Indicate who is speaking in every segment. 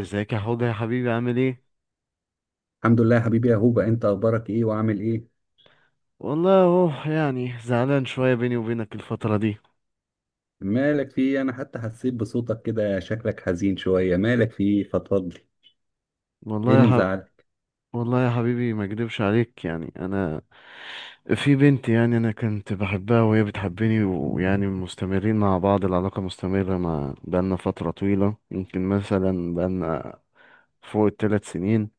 Speaker 1: ازيك يا حوض يا حبيبي؟ عامل ايه؟
Speaker 2: الحمد لله يا حبيبي يا هوبا، انت اخبارك ايه وعامل ايه؟
Speaker 1: والله اهو، يعني زعلان شويه بيني وبينك الفتره دي.
Speaker 2: مالك في ايه؟ انا حتى حسيت بصوتك كده شكلك حزين شويه. مالك في ايه؟ فضفضلي. ايه
Speaker 1: والله يا
Speaker 2: اللي
Speaker 1: ح...
Speaker 2: مزعلك؟
Speaker 1: والله يا حبيبي، ما اكدبش عليك، يعني انا، في بنت، يعني انا كنت بحبها وهي بتحبني، ويعني مستمرين مع بعض، العلاقه مستمره، مع بقالنا فتره طويله، يمكن مثلا بقالنا فوق الـ 3 سنين.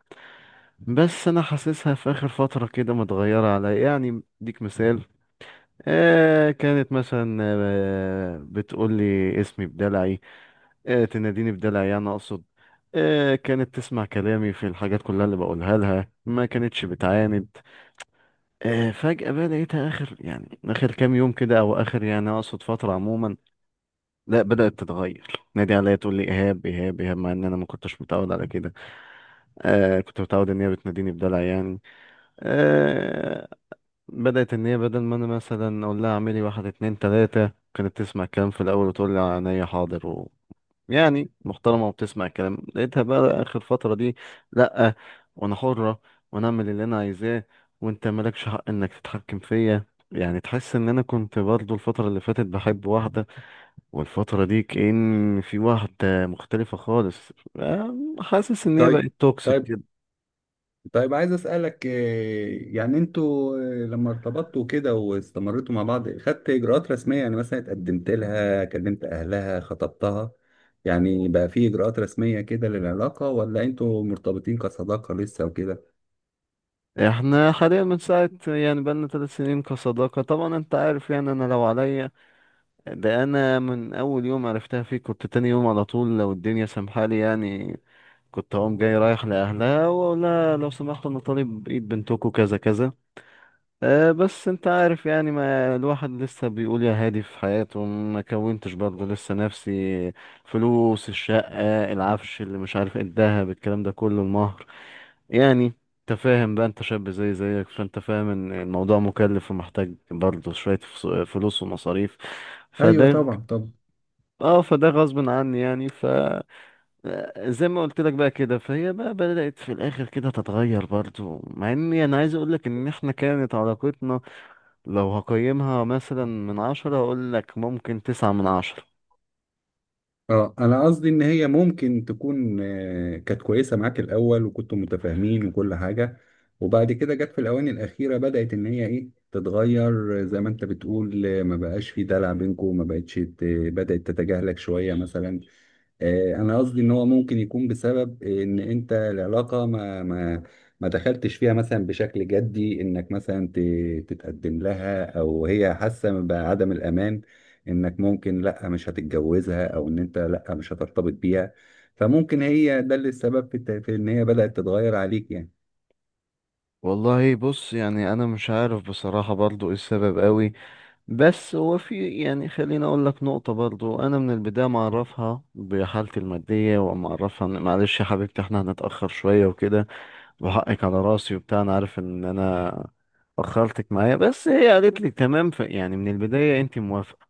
Speaker 1: بس انا حاسسها في اخر فتره كده متغيره عليا. يعني اديك مثال، آه كانت مثلا، بتقول لي اسمي بدلعي. تناديني بدلع، يعني اقصد. كانت تسمع كلامي في الحاجات كلها اللي بقولها لها، ما كانتش بتعاند. فجأة بقى لقيتها اخر، يعني اخر كام يوم كده، او اخر يعني اقصد فترة عموما، لا بدأت تتغير، نادي عليا تقول لي ايهاب ايهاب ايهاب، مع ان انا ما كنتش متعود على كده. كنت متعود ان هي بتناديني بدلع يعني. آه، بدأت ان هي بدل ما انا مثلا اقول لها اعملي واحد اتنين تلاتة، كانت تسمع الكلام في الاول وتقول لي عينيا حاضر. يعني محترمة وبتسمع الكلام. لقيتها بقى آخر فترة دي، لأ، وأنا حرة، وأنا أعمل اللي أنا عايزاه، وأنت مالكش حق إنك تتحكم فيا. يعني تحس إن أنا كنت برضو الفترة اللي فاتت بحب واحدة، والفترة دي كأن في واحدة مختلفة خالص. حاسس إن هي
Speaker 2: طيب،
Speaker 1: بقت توكسيك
Speaker 2: طيب،
Speaker 1: كده.
Speaker 2: طيب. عايز اسالك يعني انتوا لما ارتبطتوا كده واستمرتوا مع بعض خدت اجراءات رسميه، يعني مثلا اتقدمت لها كلمت اهلها خطبتها؟ يعني بقى في اجراءات رسميه كده للعلاقه، ولا انتوا مرتبطين كصداقه لسه وكده؟
Speaker 1: إحنا حاليا من ساعة، يعني بقالنا 3 سنين كصداقة. طبعا أنت عارف، يعني أنا لو عليا، ده انا من اول يوم عرفتها فيك كنت تاني يوم على طول، لو الدنيا سامحالي يعني، كنت اقوم جاي رايح لاهلها واقول لها لو سمحتوا، انا طالب ايد بنتكم، كذا كذا. أه بس انت عارف، يعني ما الواحد لسه بيقول يا هادي في حياته، ما كونتش برضه لسه نفسي، فلوس الشقة، العفش، اللي مش عارف ايه، الدهب، الكلام ده كله، المهر يعني. انت فاهم بقى، انت شاب زي زيك، فانت فاهم ان الموضوع مكلف ومحتاج برضه شوية فلوس ومصاريف.
Speaker 2: ايوه،
Speaker 1: فده،
Speaker 2: طبعا، طبعا.
Speaker 1: اه فده غصب عني يعني. ف زي ما قلت لك بقى كده، فهي بقى بدأت في الآخر كده تتغير برضو، مع إني أنا عايز أقول لك إن إحنا كانت علاقتنا، لو هقيمها مثلا من 10، أقول لك ممكن 9 من 10.
Speaker 2: اه انا قصدي ان هي ممكن تكون، كانت كويسه معاك الاول وكنتوا متفاهمين وكل حاجه، وبعد كده جت في الاواني الاخيره بدات ان هي تتغير، زي ما انت بتقول، ما بقاش في دلع بينكم، ما بقتش بدات تتجاهلك شويه مثلا. انا قصدي ان هو ممكن يكون بسبب ان انت العلاقه ما دخلتش فيها مثلا بشكل جدي، انك مثلا تتقدم لها، او هي حاسه بعدم الامان انك ممكن لا مش هتتجوزها او ان انت لا مش هترتبط بيها. فممكن هي ده اللي السبب في ان هي بدات تتغير عليك يعني.
Speaker 1: والله بص، يعني أنا مش عارف بصراحة برضو إيه السبب قوي. بس هو في، يعني خليني أقول لك نقطة، برضو أنا من البداية معرفها بحالتي المادية، ومعرفها إن معلش يا حبيبتي إحنا هنتأخر شوية وكده، وحقك على راسي وبتاع، انا عارف ان انا اخرتك معايا، بس هي قالت لي تمام، ف يعني من البداية انت موافقة.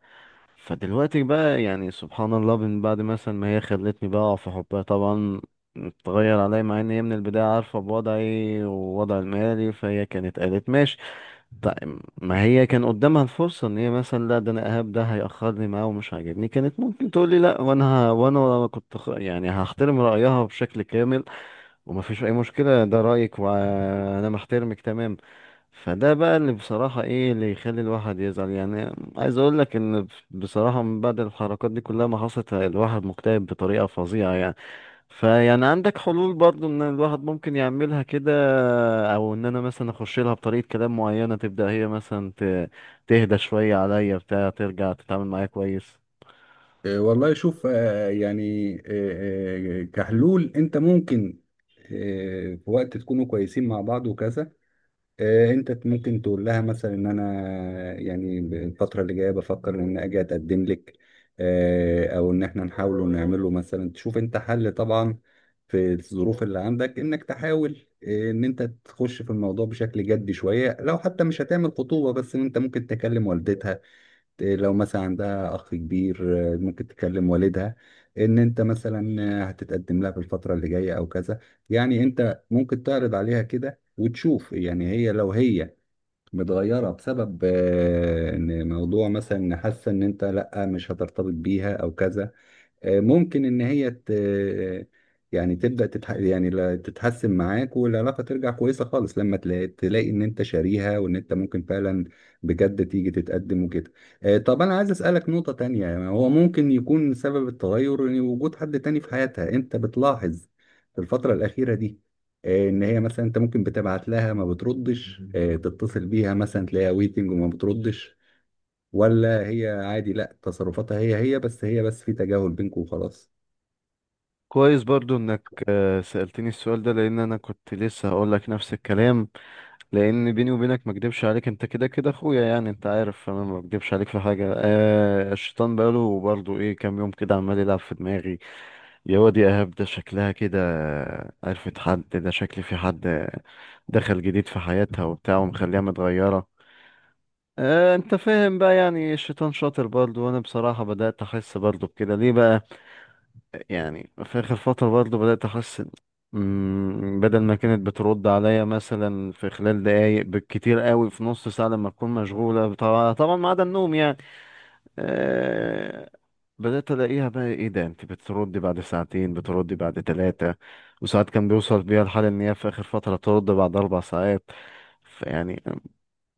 Speaker 1: فدلوقتي بقى، يعني سبحان الله، من بعد مثلا ما هي خلتني بقى في حبها طبعا، اتغير عليا، مع ان هي من البداية عارفة بوضعي ووضع المالي، فهي كانت قالت ماشي. طيب ما هي كان قدامها الفرصة ان هي مثلا، لا ده انا اهاب ده هيأخرني معاه ومش عاجبني، كانت ممكن تقول لي لا، وانا وانا كنت يعني هحترم رأيها بشكل كامل، وما فيش اي مشكلة، ده رأيك وانا محترمك تمام. فده بقى اللي بصراحة، ايه اللي يخلي الواحد يزعل، يعني عايز اقول لك ان بصراحة من بعد الحركات دي كلها ما حصلت، الواحد مكتئب بطريقة فظيعة يعني. فيعني عندك حلول برضو ان الواحد ممكن يعملها كده، او ان انا مثلا اخش لها بطريقة كلام معينة تبدأ هي مثلا تهدى شوية عليا بتاع ترجع تتعامل معايا كويس.
Speaker 2: والله شوف، يعني، كحلول انت ممكن، في وقت تكونوا كويسين مع بعض وكذا، انت ممكن تقول لها مثلا ان انا يعني الفتره اللي جايه بفكر ان اجي اتقدم لك، او ان احنا نحاول نعمله مثلا، تشوف انت حل طبعا في الظروف اللي عندك، انك تحاول، ان انت تخش في الموضوع بشكل جدي شويه، لو حتى مش هتعمل خطوبه بس ان انت ممكن تكلم والدتها. إيه لو مثلا عندها اخ كبير، ممكن تكلم والدها ان انت مثلا، هتتقدم لها في الفتره اللي جايه او كذا. يعني انت ممكن تعرض عليها كده وتشوف، يعني لو هي متغيره بسبب، ان موضوع مثلا إن حاسه ان انت لا مش هترتبط بيها او كذا، ممكن ان هي يعني تبدا يعني تتحسن معاك والعلاقه ترجع كويسه خالص لما تلاقي ان انت شاريها وان انت ممكن فعلا بجد تيجي تتقدم وكده. طب انا عايز اسالك نقطه تانية، يعني هو ممكن يكون سبب التغير إن وجود حد تاني في حياتها؟ انت بتلاحظ في الفتره الاخيره دي، ان هي مثلا انت ممكن بتبعت لها ما بتردش، تتصل بيها مثلا تلاقيها ويتنج وما بتردش، ولا هي عادي، لا تصرفاتها هي بس في تجاهل بينكم وخلاص؟
Speaker 1: كويس برضو انك سألتني السؤال ده، لان انا كنت لسه هقول لك نفس الكلام. لان بيني وبينك ما اكدبش عليك، انت كده كده اخويا يعني، انت عارف، فانا ما بكدبش عليك في حاجه. آه الشيطان بقاله برضه ايه، كام يوم كده عمال يلعب في دماغي، يا واد يا ايهاب ده شكلها كده عرفت حد، ده شكلي في حد دخل جديد في حياتها وبتاع ومخليها متغيره. آه انت فاهم بقى، يعني الشيطان شاطر برضه. وانا بصراحه بدات احس برضه بكده. ليه بقى؟ يعني في آخر فترة برضه بدأت أحس بدل ما كانت بترد عليا مثلا في خلال دقايق بالكتير قوي في نص ساعة لما تكون مشغولة، طبعا طبعا ما عدا النوم يعني. أه، بدأت ألاقيها بقى، إيه ده أنت بتردي بعد ساعتين، بتردي بعد 3. وساعات كان بيوصل بيها الحال إن هي في آخر فترة ترد بعد 4 ساعات. فيعني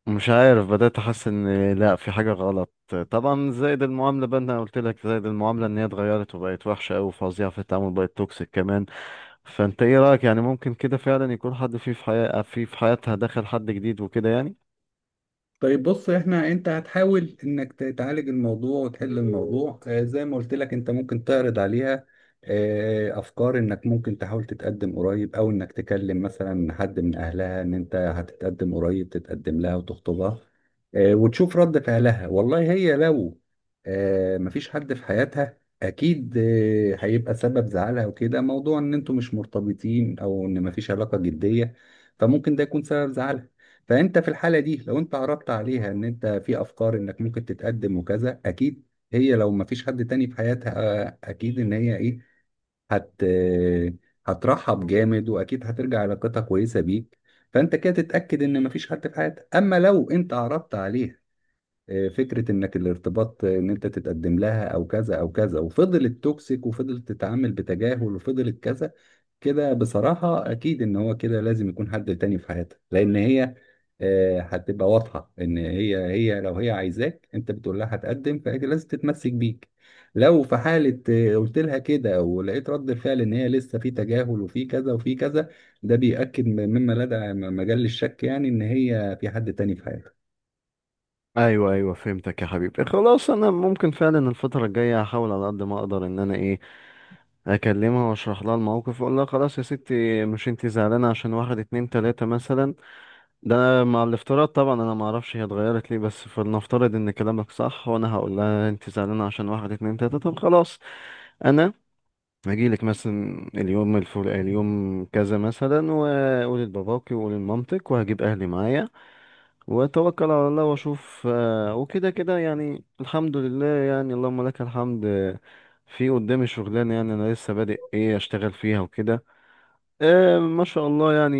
Speaker 1: مش عارف، بدأت أحس إن لأ في حاجة غلط. طبعا زائد المعاملة بقى، أنا قلت لك زائد المعاملة إن هي اتغيرت وبقت وحشة أوي وفظيعة في التعامل، بقت توكسيك كمان. فأنت إيه رأيك؟ يعني ممكن كده فعلا يكون حد فيه في حياة في حياتها، دخل حد جديد وكده يعني؟
Speaker 2: طيب بص احنا، انت هتحاول انك تعالج الموضوع وتحل الموضوع، زي ما قلت لك انت ممكن تعرض عليها، افكار انك ممكن تحاول تتقدم قريب، او انك تكلم مثلا حد من اهلها ان انت هتتقدم قريب، تتقدم لها وتخطبها، وتشوف رد فعلها. والله هي لو، مفيش حد في حياتها، اكيد هيبقى سبب زعلها وكده موضوع ان انتوا مش مرتبطين او ان مفيش علاقة جدية، فممكن ده يكون سبب زعلها. فانت في الحاله دي لو انت عرضت عليها ان انت في افكار انك ممكن تتقدم وكذا، اكيد هي لو ما فيش حد تاني في حياتها، اكيد ان هي ايه هت آه، هترحب جامد، واكيد هترجع علاقتها كويسه بيك. فانت كده تتاكد ان ما فيش حد في حياتها. اما لو انت عرضت عليها، فكره انك الارتباط، ان انت تتقدم لها او كذا او كذا، وفضلت توكسيك وفضلت تتعامل بتجاهل وفضلت كذا، كده بصراحة أكيد إن هو كده لازم يكون حد تاني في حياتك، لأن هي، هتبقى واضحة إن هي لو هي عايزاك. أنت بتقول لها هتقدم فهي لازم تتمسك بيك. لو في حالة، قلت لها كده ولقيت رد الفعل إن هي لسه في تجاهل وفي كذا وفي كذا، ده بيأكد مما لدى مجال الشك، يعني إن هي في حد تاني في حياتك.
Speaker 1: أيوه أيوه فهمتك يا حبيبي، خلاص أنا ممكن فعلا الفترة الجاية هحاول على قد ما أقدر إن أنا إيه، أكلمها وأشرح لها الموقف وأقول لها خلاص يا ستي، مش أنتي زعلانة عشان واحد اتنين تلاتة مثلا؟ ده أنا مع الافتراض طبعا، انا ما اعرفش هي اتغيرت ليه، بس فلنفترض ان كلامك صح، وانا هقول لها انت زعلانه عشان واحد اتنين تلاته، طب خلاص انا هجيلك مثلا اليوم الفلاني، اليوم كذا مثلا، واقول لباباكي واقول لمامتك، وهجيب اهلي معايا واتوكل على الله واشوف. وكده كده يعني الحمد لله، يعني اللهم لك الحمد. في قدامي شغلانه، يعني انا لسه بادئ ايه اشتغل فيها وكده. ما شاء الله يعني،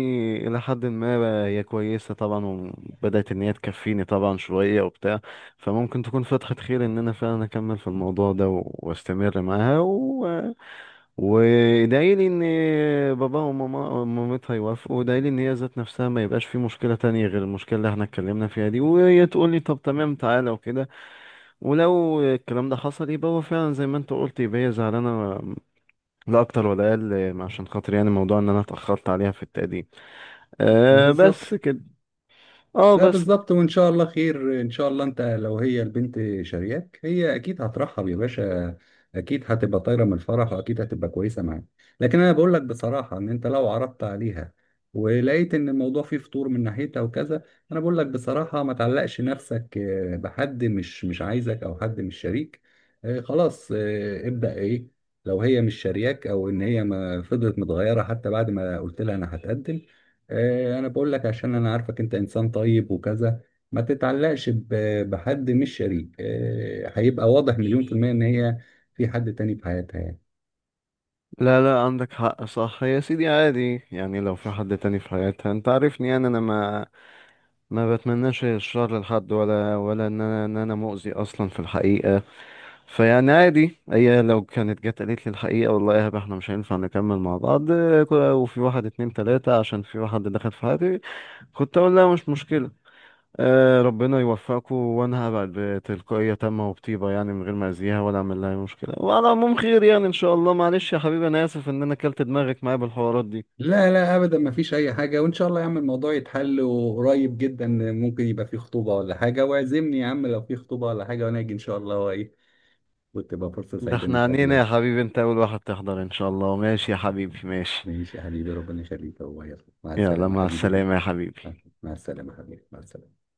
Speaker 1: إلى حد ما بقى هي كويسة طبعا، وبدأت إن هي تكفيني طبعا شوية وبتاع. فممكن تكون فتحة خير إن أنا فعلا أكمل في الموضوع ده وأستمر معاها وإدعيلي إن بابا وماما ومامتها يوافقوا، وإدعيلي إن هي ذات نفسها ما يبقاش في مشكلة تانية غير المشكلة اللي إحنا اتكلمنا فيها دي، وهي تقول لي طب تمام تعالى وكده. ولو الكلام ده حصل يبقى هو فعلا زي ما أنت قلت، يبقى هي زعلانة لا أكتر ولا أقل، عشان خاطر يعني موضوع إن أنا اتأخرت عليها في التقديم. آه بس
Speaker 2: بالظبط.
Speaker 1: كده. اه
Speaker 2: لا
Speaker 1: بس.
Speaker 2: بالظبط، وان شاء الله خير. ان شاء الله انت لو هي البنت شارياك هي اكيد هترحب يا باشا، اكيد هتبقى طايره من الفرح واكيد هتبقى كويسه معاك. لكن انا بقول لك بصراحه، ان انت لو عرضت عليها ولقيت ان الموضوع فيه فطور من ناحيتها وكذا، انا بقول لك بصراحه ما تعلقش نفسك، بحد مش عايزك او حد مش شريك، خلاص، ابدا ايه. لو هي مش شارياك او ان هي ما فضلت متغيره حتى بعد ما قلت لها انا هتقدم، انا بقول لك عشان انا عارفك انت انسان طيب وكذا، ما تتعلقش بحد مش شريك. هيبقى واضح مليون في المية ان هي في حد تاني في حياتها يعني.
Speaker 1: لا لا عندك حق صح يا سيدي، عادي يعني لو في حد تاني في حياتها، انت عارفني يعني انا ما بتمناش الشر لحد، ولا ان انا مؤذي اصلا في الحقيقة. فيعني عادي هي لو كانت جت قالت لي الحقيقة، والله يا هبة احنا مش هينفع نكمل مع بعض، وفي واحد اتنين تلاتة عشان في واحد دخل في حياتي، كنت اقول لها مش مشكلة. آه ربنا يوفقكم، وانا هبعد بتلقائية تامة وبطيبة، يعني من غير ما اذيها ولا اعمل لها أي مشكلة. وعلى العموم خير يعني ان شاء الله. معلش يا حبيبي انا اسف ان انا كلت دماغك معايا بالحوارات دي.
Speaker 2: لا، لا، ابدا ما فيش اي حاجة، وان شاء الله يا عم الموضوع يتحل، وقريب جدا ممكن يبقى في خطوبة ولا حاجة، واعزمني يا عم لو في خطوبة ولا حاجة وانا اجي ان شاء الله، وايه وتبقى فرصة
Speaker 1: ده
Speaker 2: سعيدة
Speaker 1: احنا عنينا يا
Speaker 2: نتقابله.
Speaker 1: حبيبي، انت اول واحد تحضر ان شاء الله. ماشي يا حبيبي ماشي.
Speaker 2: ماشي يا حبيبي، ربنا يخليك. هو يلا، مع
Speaker 1: يلا
Speaker 2: السلامة يا
Speaker 1: مع
Speaker 2: حبيبي.
Speaker 1: السلامة يا حبيبي.
Speaker 2: مع السلامة يا حبيبي، مع السلامة.